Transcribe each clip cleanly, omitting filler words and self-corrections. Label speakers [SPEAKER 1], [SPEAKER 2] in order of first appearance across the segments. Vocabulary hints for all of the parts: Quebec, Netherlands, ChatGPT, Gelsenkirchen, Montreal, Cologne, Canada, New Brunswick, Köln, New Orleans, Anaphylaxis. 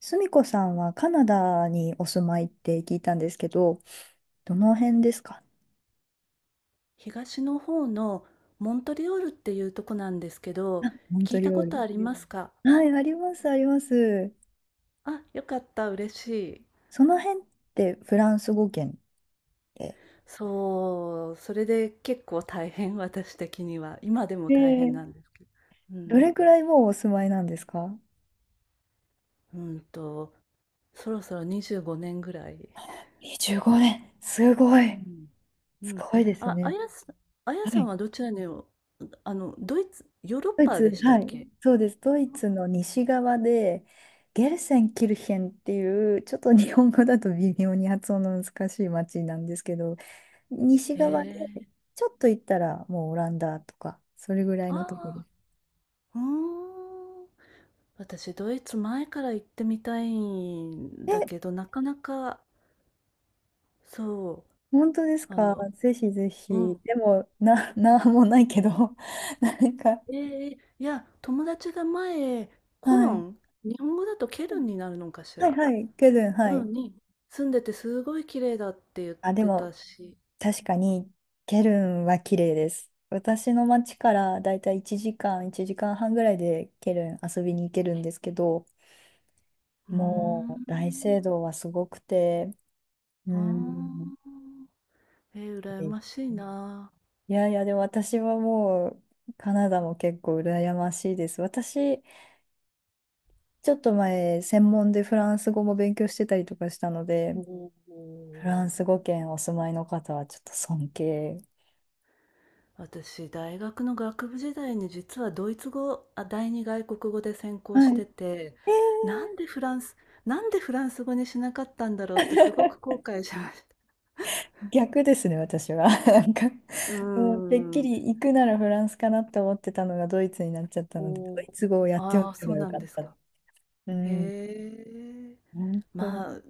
[SPEAKER 1] すみこさんはカナダにお住まいって聞いたんですけど、どの辺ですか？
[SPEAKER 2] 東の方のモントリオールっていうとこなんですけど、
[SPEAKER 1] モン
[SPEAKER 2] 聞
[SPEAKER 1] ト
[SPEAKER 2] いた
[SPEAKER 1] リオー
[SPEAKER 2] こと
[SPEAKER 1] ル。
[SPEAKER 2] ありうますん。か？
[SPEAKER 1] はい、あります、あります。
[SPEAKER 2] あ、よかった、嬉しい。
[SPEAKER 1] その辺ってフランス語圏で、
[SPEAKER 2] そう、それで結構大変、私的には。今でも
[SPEAKER 1] え
[SPEAKER 2] 大変
[SPEAKER 1] ー
[SPEAKER 2] なんですけど。う
[SPEAKER 1] どれ
[SPEAKER 2] ん。
[SPEAKER 1] くらいもうお住まいなんですか？
[SPEAKER 2] うんと、そろそろ25年ぐらい。
[SPEAKER 1] 25年。すご
[SPEAKER 2] う
[SPEAKER 1] い。
[SPEAKER 2] ん。う
[SPEAKER 1] す
[SPEAKER 2] ん。
[SPEAKER 1] ごいです
[SPEAKER 2] あ、あ
[SPEAKER 1] ね。
[SPEAKER 2] やさん、あや
[SPEAKER 1] は
[SPEAKER 2] さん
[SPEAKER 1] い。
[SPEAKER 2] はどちらにお、ドイツ、ヨーロッ
[SPEAKER 1] ドイ
[SPEAKER 2] パ
[SPEAKER 1] ツ、
[SPEAKER 2] でした
[SPEAKER 1] は
[SPEAKER 2] っ
[SPEAKER 1] い。
[SPEAKER 2] け？へ
[SPEAKER 1] そうです。ドイツの西側で、ゲルセンキルヘンっていう、ちょっと日本語だと微妙に発音の難しい町なんですけど、西側で、
[SPEAKER 2] え。
[SPEAKER 1] ちょっと行ったらもうオランダとか、それぐらいのとこ
[SPEAKER 2] あ。
[SPEAKER 1] です。
[SPEAKER 2] うーん。私、ドイツ前から行ってみたいん
[SPEAKER 1] え、
[SPEAKER 2] だけど、なかなか、そう、
[SPEAKER 1] 本当ですか？ぜひぜ
[SPEAKER 2] う
[SPEAKER 1] ひ。
[SPEAKER 2] ん。
[SPEAKER 1] でも、なんもないけど、なんか、
[SPEAKER 2] ええ、いや、友達が前、コ
[SPEAKER 1] は
[SPEAKER 2] ロ
[SPEAKER 1] い。
[SPEAKER 2] ン、日本語だとケルンになるのかし
[SPEAKER 1] はい
[SPEAKER 2] ら。
[SPEAKER 1] はい、ケルン、は
[SPEAKER 2] う
[SPEAKER 1] い。
[SPEAKER 2] ん、に住んでてすごい綺麗だって言っ
[SPEAKER 1] あ、で
[SPEAKER 2] てた
[SPEAKER 1] も、
[SPEAKER 2] し。
[SPEAKER 1] 確かに、ケルンは綺麗です。私の町からだいたい1時間、1時間半ぐらいでケルン遊びに行けるんですけど、
[SPEAKER 2] うー
[SPEAKER 1] もう大聖
[SPEAKER 2] ん。
[SPEAKER 1] 堂はすごくて、う
[SPEAKER 2] あ
[SPEAKER 1] ん、
[SPEAKER 2] あ。えー、
[SPEAKER 1] 綺
[SPEAKER 2] 羨
[SPEAKER 1] 麗。
[SPEAKER 2] ましいな。
[SPEAKER 1] いやいや、でも私はもうカナダも結構羨ましいです。私、ちょっと前、専門でフランス語も勉強してたりとかしたので、
[SPEAKER 2] お
[SPEAKER 1] フ
[SPEAKER 2] お。
[SPEAKER 1] ランス語圏お住まいの方はちょっと尊敬。
[SPEAKER 2] 私、大学の学部時代に実はドイツ語、あ、第二外国語で専攻
[SPEAKER 1] は
[SPEAKER 2] し
[SPEAKER 1] い。
[SPEAKER 2] てて、
[SPEAKER 1] え
[SPEAKER 2] なん
[SPEAKER 1] ー。
[SPEAKER 2] でフランス、なんでフランス語にしなかったんだろうってすごく後悔しました。
[SPEAKER 1] 逆ですね、私は。なんか、
[SPEAKER 2] うー
[SPEAKER 1] もうてっき
[SPEAKER 2] ん。
[SPEAKER 1] り行くならフランスかなって思ってたのがドイツになっちゃったので、ド
[SPEAKER 2] お
[SPEAKER 1] イ
[SPEAKER 2] ー。
[SPEAKER 1] ツ語をやってお
[SPEAKER 2] ああ、
[SPEAKER 1] け
[SPEAKER 2] そ
[SPEAKER 1] ば
[SPEAKER 2] う
[SPEAKER 1] よ
[SPEAKER 2] な
[SPEAKER 1] か
[SPEAKER 2] ん
[SPEAKER 1] っ
[SPEAKER 2] です
[SPEAKER 1] た。
[SPEAKER 2] か。
[SPEAKER 1] う
[SPEAKER 2] へ
[SPEAKER 1] ん、
[SPEAKER 2] え。
[SPEAKER 1] 本当に
[SPEAKER 2] まあ、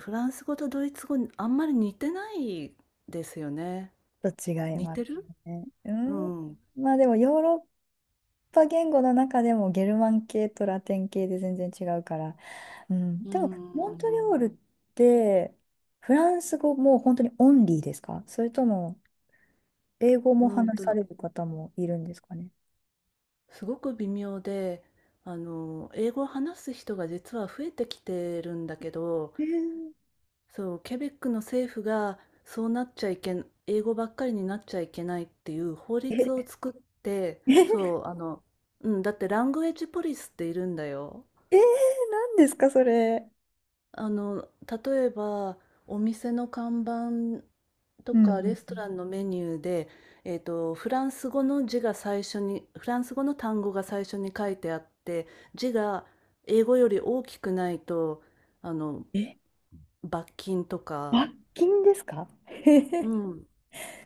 [SPEAKER 2] フランス語とドイツ語、あんまり似てないですよね。
[SPEAKER 1] ょっと違い
[SPEAKER 2] 似
[SPEAKER 1] ます
[SPEAKER 2] てる
[SPEAKER 1] ね。う
[SPEAKER 2] う
[SPEAKER 1] ん、
[SPEAKER 2] ん。
[SPEAKER 1] まあでもヨーロッぱ言語の中でもゲルマン系とラテン系で全然違うから、うん、
[SPEAKER 2] う
[SPEAKER 1] でもモントリオー
[SPEAKER 2] ん。
[SPEAKER 1] ルってフランス語も本当にオンリーですか？それとも英語
[SPEAKER 2] う
[SPEAKER 1] も
[SPEAKER 2] ん
[SPEAKER 1] 話さ
[SPEAKER 2] と、
[SPEAKER 1] れる方もいるんですかね？
[SPEAKER 2] すごく微妙で、英語を話す人が実は増えてきてるんだけど、
[SPEAKER 1] えー。
[SPEAKER 2] そう、ケベックの政府がそうなっちゃいけん、英語ばっかりになっちゃいけないっていう法律を作って、
[SPEAKER 1] え、
[SPEAKER 2] そ う、うん、だってラングエッジポリスっているんだよ。
[SPEAKER 1] えー、何ですかそれ。
[SPEAKER 2] あの、例えば、お店の看板と
[SPEAKER 1] うんう
[SPEAKER 2] かレ
[SPEAKER 1] ん
[SPEAKER 2] ス
[SPEAKER 1] う
[SPEAKER 2] ト
[SPEAKER 1] ん。
[SPEAKER 2] ランのメニューで、フランス語の単語が最初に書いてあって、字が英語より大きくないと、あの、
[SPEAKER 1] え、
[SPEAKER 2] 罰金とか、
[SPEAKER 1] 罰金ですか？えへ
[SPEAKER 2] う
[SPEAKER 1] へ。
[SPEAKER 2] ん、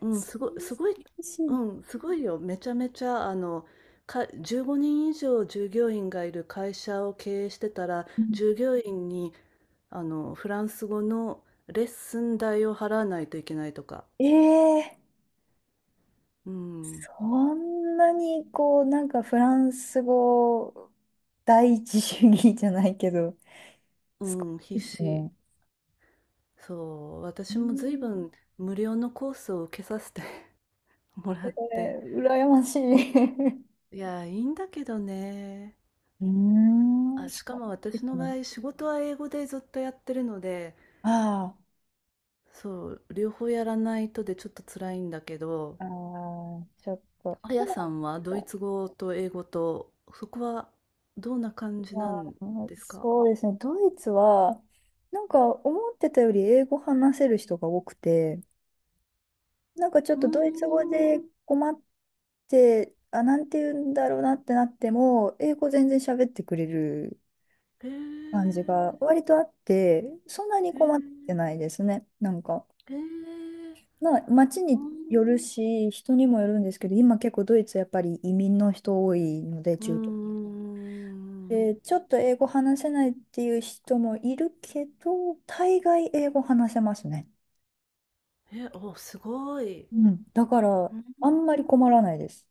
[SPEAKER 2] う ん、
[SPEAKER 1] そ
[SPEAKER 2] すごい、
[SPEAKER 1] ん
[SPEAKER 2] す
[SPEAKER 1] な
[SPEAKER 2] ごい、
[SPEAKER 1] 厳し
[SPEAKER 2] う
[SPEAKER 1] い。
[SPEAKER 2] ん、すごいよ。めちゃめちゃ、15人以上従業員がいる会社を経営してたら、
[SPEAKER 1] うん。
[SPEAKER 2] 従業員に、フランス語のレッスン代を払わないといけないとか。
[SPEAKER 1] えー。
[SPEAKER 2] うん、
[SPEAKER 1] こんなにこう、なんかフランス語第一主義じゃないけど、
[SPEAKER 2] う
[SPEAKER 1] すご
[SPEAKER 2] ん、必
[SPEAKER 1] いです
[SPEAKER 2] 死。
[SPEAKER 1] ね。
[SPEAKER 2] そう、
[SPEAKER 1] う
[SPEAKER 2] 私も随
[SPEAKER 1] ん。
[SPEAKER 2] 分無料のコースを受けさせて もらって。
[SPEAKER 1] えー羨ましい。
[SPEAKER 2] いや、いいんだけどね。
[SPEAKER 1] うーん、
[SPEAKER 2] あ、
[SPEAKER 1] そ
[SPEAKER 2] しかも
[SPEAKER 1] う
[SPEAKER 2] 私
[SPEAKER 1] です
[SPEAKER 2] の場
[SPEAKER 1] ね。
[SPEAKER 2] 合、仕事は英語でずっとやってるので、
[SPEAKER 1] あ
[SPEAKER 2] そう、両方やらないとでちょっと辛いんだけど、
[SPEAKER 1] あ、ああ、ちょっと。
[SPEAKER 2] あ
[SPEAKER 1] で
[SPEAKER 2] や
[SPEAKER 1] も
[SPEAKER 2] さんは
[SPEAKER 1] な
[SPEAKER 2] ド
[SPEAKER 1] ん
[SPEAKER 2] イ
[SPEAKER 1] か、
[SPEAKER 2] ツ語と英語と、そこはどんな感じ
[SPEAKER 1] ま
[SPEAKER 2] な
[SPEAKER 1] あ、
[SPEAKER 2] んですか？
[SPEAKER 1] そうですね。ドイツは、なんか思ってたより英語話せる人が多くて、なんかちょっ
[SPEAKER 2] うー
[SPEAKER 1] とドイツ語で
[SPEAKER 2] ん。
[SPEAKER 1] 困って、あ、なんて言うんだろうなってなっても、英語全然喋ってくれる
[SPEAKER 2] へ
[SPEAKER 1] 感
[SPEAKER 2] え、
[SPEAKER 1] じが割とあって、そんなに
[SPEAKER 2] へ
[SPEAKER 1] 困っ
[SPEAKER 2] え、
[SPEAKER 1] てないですね。なんか、
[SPEAKER 2] ええ。
[SPEAKER 1] まあ、街
[SPEAKER 2] うー
[SPEAKER 1] による
[SPEAKER 2] ん。
[SPEAKER 1] し、人にもよるんですけど、今結構ドイツやっぱり移民の人多いので、
[SPEAKER 2] うんう
[SPEAKER 1] 中東。
[SPEAKER 2] んうんうん。
[SPEAKER 1] で、ちょっと英語話せないっていう人もいるけど、大概英語話せますね。
[SPEAKER 2] え、お、すごい。
[SPEAKER 1] うん。だから、
[SPEAKER 2] うん。
[SPEAKER 1] あんまり困らないです。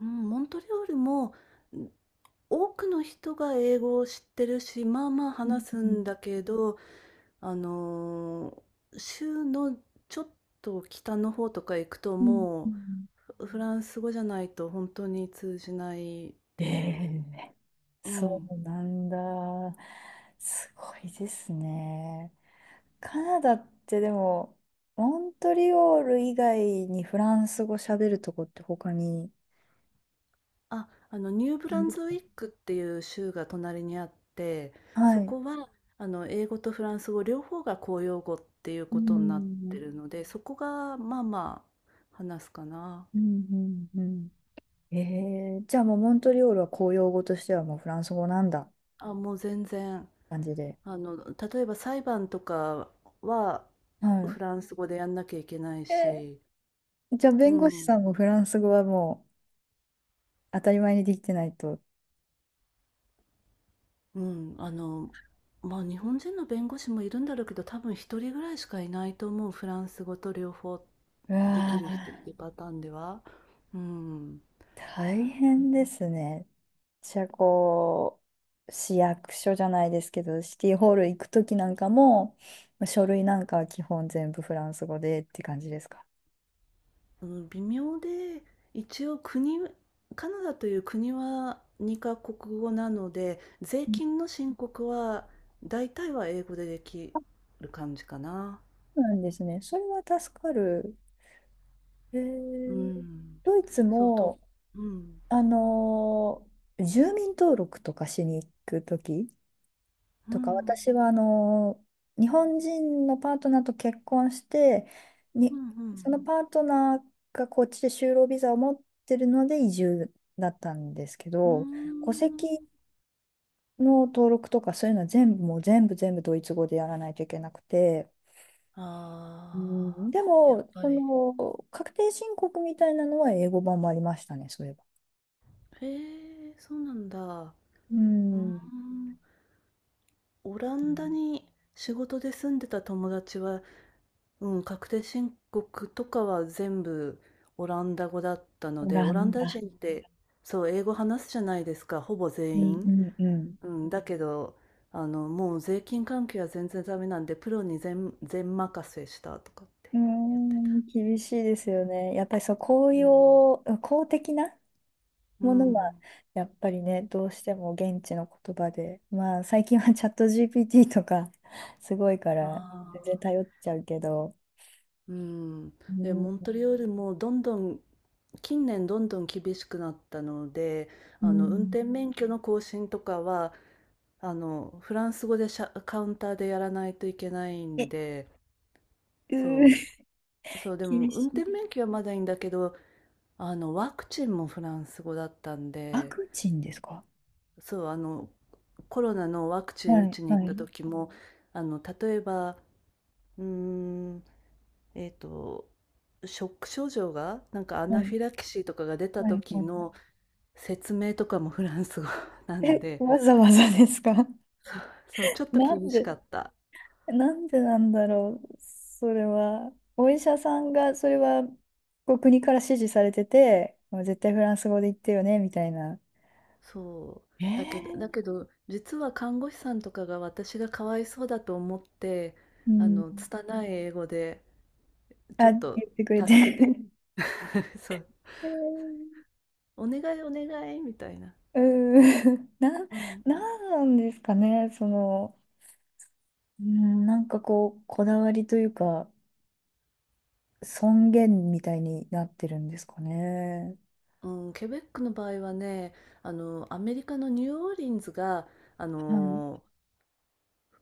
[SPEAKER 2] うん、モントリオールも、ん、多くの人が英語を知ってるし、まあまあ
[SPEAKER 1] うん
[SPEAKER 2] 話す
[SPEAKER 1] うん
[SPEAKER 2] んだけど、あの、州のちょっと北の方とか行くと
[SPEAKER 1] うんう
[SPEAKER 2] も
[SPEAKER 1] ん。
[SPEAKER 2] う、フランス語じゃないと本当に通じないっ
[SPEAKER 1] え
[SPEAKER 2] ていう。
[SPEAKER 1] え、
[SPEAKER 2] う
[SPEAKER 1] そ
[SPEAKER 2] ん。
[SPEAKER 1] うなんだ。すごいですね。カナダってでも、モントリオール以外にフランス語喋るとこって他に。
[SPEAKER 2] あ、ニューブランズウィックっていう州が隣にあって、そ
[SPEAKER 1] はい。
[SPEAKER 2] こは、英語とフランス語両方が公用語っていう
[SPEAKER 1] う
[SPEAKER 2] ことになって
[SPEAKER 1] ん。
[SPEAKER 2] るので、そこがまあまあ話すかな。
[SPEAKER 1] うんうんうん。ええ、じゃあもうモントリオールは公用語としてはもうフランス語なんだ
[SPEAKER 2] あ、もう全然、
[SPEAKER 1] 感じで。
[SPEAKER 2] 例えば裁判とかはフ
[SPEAKER 1] は
[SPEAKER 2] ランス語でやんなきゃいけない
[SPEAKER 1] い。え
[SPEAKER 2] し、
[SPEAKER 1] ー、じゃあ
[SPEAKER 2] う
[SPEAKER 1] 弁護士
[SPEAKER 2] ん。
[SPEAKER 1] さんもフランス語はもう当たり前にできてないと。
[SPEAKER 2] うん、日本人の弁護士もいるんだろうけど、多分一人ぐらいしかいないと思う、フランス語と両方
[SPEAKER 1] う
[SPEAKER 2] で
[SPEAKER 1] わ
[SPEAKER 2] きる人っ
[SPEAKER 1] ー、
[SPEAKER 2] ていうパターンでは。うん。
[SPEAKER 1] 大変ですね。私はこう、市役所じゃないですけど、シティホール行くときなんかも、まあ書類なんかは基本全部フランス語でって感じですか？
[SPEAKER 2] うん、微妙で、一応国カナダという国は2カ国語なので、税
[SPEAKER 1] うん。
[SPEAKER 2] 金の申告は大体は英語でできる感じかな。
[SPEAKER 1] そうなんですね。それは助かる。え
[SPEAKER 2] う
[SPEAKER 1] ー、
[SPEAKER 2] ん。
[SPEAKER 1] ドイツ
[SPEAKER 2] そう、と
[SPEAKER 1] も、
[SPEAKER 2] うん。
[SPEAKER 1] あのー住民登録とかしに行くとき、
[SPEAKER 2] う
[SPEAKER 1] とか、私
[SPEAKER 2] ん。
[SPEAKER 1] はあの日本人のパートナーと結婚して、
[SPEAKER 2] うん
[SPEAKER 1] に、
[SPEAKER 2] う
[SPEAKER 1] その
[SPEAKER 2] ん。
[SPEAKER 1] パートナーがこっちで就労ビザを持ってるので移住だったんですけ
[SPEAKER 2] うん。
[SPEAKER 1] ど、戸籍の登録とかそういうのは全部もう全部ドイツ語でやらないといけなくて、うん、
[SPEAKER 2] ああ、
[SPEAKER 1] で
[SPEAKER 2] やっ
[SPEAKER 1] も、
[SPEAKER 2] ぱ
[SPEAKER 1] そ
[SPEAKER 2] り。
[SPEAKER 1] の確定申告みたいなのは英語版もありましたね、そういえば。
[SPEAKER 2] へえ、そうなんだ。う
[SPEAKER 1] う
[SPEAKER 2] ー
[SPEAKER 1] ん、
[SPEAKER 2] ん。オランダに仕事で住んでた友達は、うん、確定申告とかは全部オランダ語だったの
[SPEAKER 1] オ
[SPEAKER 2] で、
[SPEAKER 1] ラ
[SPEAKER 2] オラン
[SPEAKER 1] ン
[SPEAKER 2] ダ
[SPEAKER 1] ダ。
[SPEAKER 2] 人って、そう、英語話すじゃないですか、ほぼ
[SPEAKER 1] う
[SPEAKER 2] 全
[SPEAKER 1] ん
[SPEAKER 2] 員。
[SPEAKER 1] うんうん。
[SPEAKER 2] うん、だけど、もう税金関係は全然ダメなんで、プロに全、全任せしたとかって
[SPEAKER 1] うー
[SPEAKER 2] 言ってた。
[SPEAKER 1] ん、厳しいですよね。やっぱりそう、公
[SPEAKER 2] うん。
[SPEAKER 1] 用、公的な
[SPEAKER 2] う
[SPEAKER 1] ものは、
[SPEAKER 2] ん。
[SPEAKER 1] やっぱりね、どうしても現地の言葉で、まあ、最近はチャット GPT とか、すごいか
[SPEAKER 2] あ
[SPEAKER 1] ら、全然
[SPEAKER 2] あ。
[SPEAKER 1] 頼っちゃうけど、
[SPEAKER 2] うん、
[SPEAKER 1] う
[SPEAKER 2] で、
[SPEAKER 1] ん、
[SPEAKER 2] モントリオールもどんどん近年どんどん厳しくなったので、
[SPEAKER 1] う
[SPEAKER 2] あの運
[SPEAKER 1] ん、
[SPEAKER 2] 転免許の更新とかはフランス語でカウンターでやらないといけないん
[SPEAKER 1] え、
[SPEAKER 2] で、
[SPEAKER 1] うー、
[SPEAKER 2] そそう でも
[SPEAKER 1] 厳
[SPEAKER 2] 運
[SPEAKER 1] しい。
[SPEAKER 2] 転免許はまだいいんだけど、あのワクチンもフランス語だったん
[SPEAKER 1] ワ
[SPEAKER 2] で、
[SPEAKER 1] クチンですか？
[SPEAKER 2] そうあのコロナのワクチン
[SPEAKER 1] は
[SPEAKER 2] 打
[SPEAKER 1] い、
[SPEAKER 2] ちに行っ
[SPEAKER 1] は
[SPEAKER 2] た
[SPEAKER 1] い、
[SPEAKER 2] 時も、あの例えば、うーんえっと、ショック症状が、なんかア
[SPEAKER 1] は
[SPEAKER 2] ナ
[SPEAKER 1] い、
[SPEAKER 2] フィラキシーとかが出た
[SPEAKER 1] はい、
[SPEAKER 2] 時
[SPEAKER 1] はい。
[SPEAKER 2] の説明とかもフランス語 なん
[SPEAKER 1] え、
[SPEAKER 2] で、
[SPEAKER 1] わざわざですか？
[SPEAKER 2] そう、ちょっと
[SPEAKER 1] な
[SPEAKER 2] 厳
[SPEAKER 1] ん
[SPEAKER 2] し
[SPEAKER 1] で
[SPEAKER 2] かった。
[SPEAKER 1] なんでなんだろう、それは。お医者さんが、それは、こう国から指示されてて、もう絶対フランス語で言ってよね、みたいな。
[SPEAKER 2] そ
[SPEAKER 1] え
[SPEAKER 2] う。だ
[SPEAKER 1] ー、
[SPEAKER 2] けど、実は看護師さんとかが私がかわいそうだと思って、
[SPEAKER 1] うん。
[SPEAKER 2] 拙い英語で、ちょっ
[SPEAKER 1] あ、
[SPEAKER 2] と
[SPEAKER 1] 言ってくれて。
[SPEAKER 2] 助けて、そう、
[SPEAKER 1] えー。
[SPEAKER 2] お願いお願いみたいな。
[SPEAKER 1] うん。
[SPEAKER 2] うん、
[SPEAKER 1] なんですかね、その、うん、なんかこう、こだわりというか、尊厳みたいになってるんですかね。
[SPEAKER 2] うん、ケベックの場合はね、アメリカのニューオーリンズが、あ
[SPEAKER 1] はい。
[SPEAKER 2] の、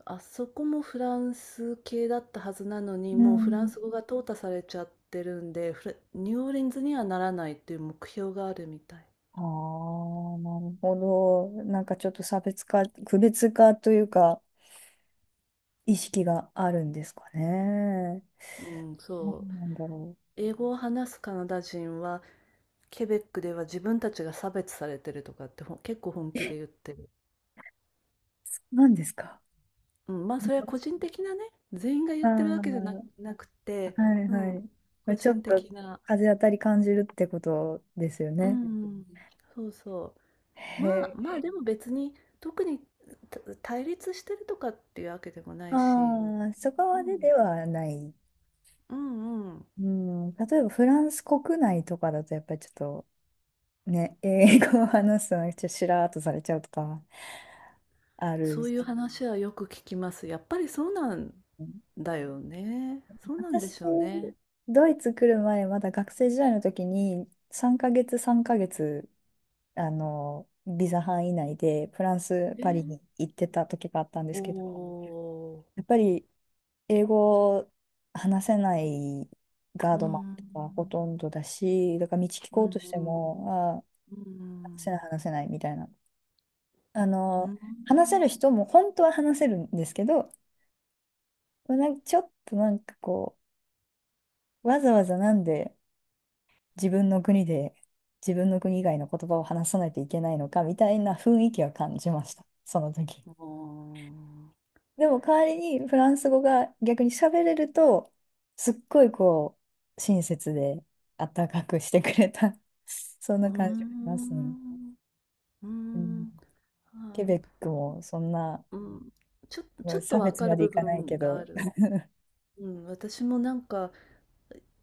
[SPEAKER 2] あそこもフランス系だったはずなのに、
[SPEAKER 1] う
[SPEAKER 2] もうフラン
[SPEAKER 1] ん。
[SPEAKER 2] ス語が淘汰されちゃってるんで、フラニューオーリンズにはならないっていう目標があるみたい。
[SPEAKER 1] ああ、なるほど。なんかちょっと差別化、区別化というか、意識があるんですかね。
[SPEAKER 2] うん、
[SPEAKER 1] な
[SPEAKER 2] そう。
[SPEAKER 1] んなんだろ
[SPEAKER 2] 英語を話すカナダ人は、ケベックでは自分たちが差別されてるとかって結構本気で言ってる。
[SPEAKER 1] う。なんですか。
[SPEAKER 2] うん、まあそれは個人的なね、全員が言
[SPEAKER 1] あ
[SPEAKER 2] っ
[SPEAKER 1] あ、
[SPEAKER 2] てるわけじゃな、
[SPEAKER 1] は
[SPEAKER 2] なくて、
[SPEAKER 1] い
[SPEAKER 2] う
[SPEAKER 1] は
[SPEAKER 2] ん、
[SPEAKER 1] い。まあ、
[SPEAKER 2] 個
[SPEAKER 1] ちょっ
[SPEAKER 2] 人
[SPEAKER 1] と
[SPEAKER 2] 的な。
[SPEAKER 1] 風当たり感じるってことですよ
[SPEAKER 2] う
[SPEAKER 1] ね。
[SPEAKER 2] ん、そうそう。まあ、
[SPEAKER 1] へ
[SPEAKER 2] ま
[SPEAKER 1] え。
[SPEAKER 2] あでも別に特に対立してるとかっていうわけでもないし、
[SPEAKER 1] ああ、そこ
[SPEAKER 2] う
[SPEAKER 1] までで
[SPEAKER 2] ん。
[SPEAKER 1] はない。
[SPEAKER 2] うんうん、
[SPEAKER 1] うん、例えばフランス国内とかだとやっぱりちょっとね、英語を話すのがちょっとしらーっとされちゃうとかある
[SPEAKER 2] そう
[SPEAKER 1] し。
[SPEAKER 2] いう話はよく聞きます。やっぱりそうなんだよね。そうなんで
[SPEAKER 1] 私、
[SPEAKER 2] しょうね。
[SPEAKER 1] ドイツ来る前、まだ学生時代の時に、3ヶ月、あの、ビザ範囲内で、フランス、
[SPEAKER 2] え
[SPEAKER 1] パリに
[SPEAKER 2] ー、
[SPEAKER 1] 行ってた時があったんで
[SPEAKER 2] お
[SPEAKER 1] すけど、
[SPEAKER 2] お、
[SPEAKER 1] やっぱり、英語話せないガー
[SPEAKER 2] う
[SPEAKER 1] ドマンとかほ
[SPEAKER 2] ん、
[SPEAKER 1] とんどだし、だから道聞
[SPEAKER 2] う
[SPEAKER 1] こう
[SPEAKER 2] ん、
[SPEAKER 1] とし
[SPEAKER 2] う
[SPEAKER 1] て
[SPEAKER 2] ん、
[SPEAKER 1] も、
[SPEAKER 2] う
[SPEAKER 1] ああ、話せない、
[SPEAKER 2] ん、
[SPEAKER 1] 話せないみたいな。あ
[SPEAKER 2] うん、う
[SPEAKER 1] の、
[SPEAKER 2] ん、
[SPEAKER 1] 話せる人も本当は話せるんですけど、なんかちょっとこう、わざわざなんで、自分の国で自分の国以外の言葉を話さないといけないのかみたいな雰囲気は感じました、その時。でも代わりにフランス語が逆に喋れると、すっごいこう、親切で温かくしてくれた そんな
[SPEAKER 2] う
[SPEAKER 1] 感じがしますね。
[SPEAKER 2] ん、う
[SPEAKER 1] うん、
[SPEAKER 2] ん、
[SPEAKER 1] ケ
[SPEAKER 2] あ
[SPEAKER 1] ベックもそんな
[SPEAKER 2] ーうん、ちょっと
[SPEAKER 1] 差
[SPEAKER 2] わ
[SPEAKER 1] 別
[SPEAKER 2] か
[SPEAKER 1] ま
[SPEAKER 2] る
[SPEAKER 1] で
[SPEAKER 2] 部
[SPEAKER 1] いかない
[SPEAKER 2] 分
[SPEAKER 1] け
[SPEAKER 2] があ
[SPEAKER 1] ど。
[SPEAKER 2] る。うん、私もなんか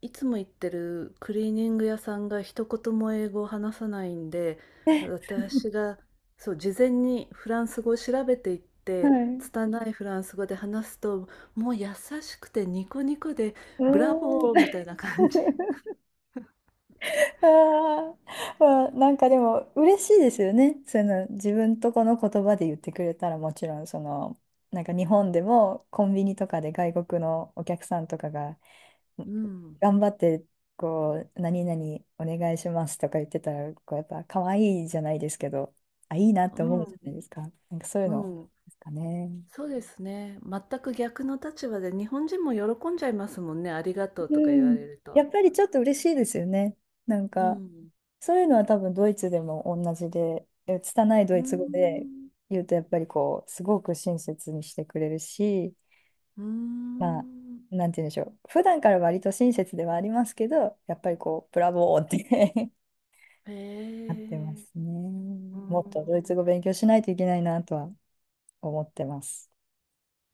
[SPEAKER 2] いつも行ってるクリーニング屋さんが一言も英語を話さないんで、
[SPEAKER 1] はい。
[SPEAKER 2] 私が、そう、事前にフランス語を調べていって、
[SPEAKER 1] う
[SPEAKER 2] 拙いフランス語で話すと、もう優しくてニコニコで、
[SPEAKER 1] ー
[SPEAKER 2] ブラボ
[SPEAKER 1] ん。
[SPEAKER 2] ーみたいな感じ。
[SPEAKER 1] あー。 まあ、なんかでも嬉しいですよね。その自分とこの言葉で言ってくれたら、もちろんそのなんか日本でもコンビニとかで外国のお客さんとかが
[SPEAKER 2] うん、
[SPEAKER 1] 頑張ってこう何々お願いしますとか言ってたらこうやっぱ可愛いじゃないですけど、あいいなっ
[SPEAKER 2] う
[SPEAKER 1] て思うじゃな
[SPEAKER 2] ん、
[SPEAKER 1] いですか。なんかそういう
[SPEAKER 2] う
[SPEAKER 1] の
[SPEAKER 2] ん。
[SPEAKER 1] ですかね。
[SPEAKER 2] そうですね。全く逆の立場で、日本人も喜んじゃいますもんね。ありがとう
[SPEAKER 1] う
[SPEAKER 2] とか言われ
[SPEAKER 1] ん。
[SPEAKER 2] ると。
[SPEAKER 1] やっぱりちょっと嬉しいですよね。なん
[SPEAKER 2] う
[SPEAKER 1] か
[SPEAKER 2] ん。
[SPEAKER 1] そういうのは多分ドイツでも同じで、え拙いド
[SPEAKER 2] うー
[SPEAKER 1] イツ語で
[SPEAKER 2] ん。
[SPEAKER 1] 言うとやっぱりこう、すごく親切にしてくれるし、
[SPEAKER 2] うー
[SPEAKER 1] まあ、
[SPEAKER 2] ん。
[SPEAKER 1] なんて言うんでしょう。普段から割と親切ではありますけど、やっぱりこう、ブラボーって
[SPEAKER 2] へ
[SPEAKER 1] なってま
[SPEAKER 2] え。
[SPEAKER 1] すね。
[SPEAKER 2] う
[SPEAKER 1] もっと
[SPEAKER 2] ん。
[SPEAKER 1] ドイツ語勉強しないといけないなとは思ってます。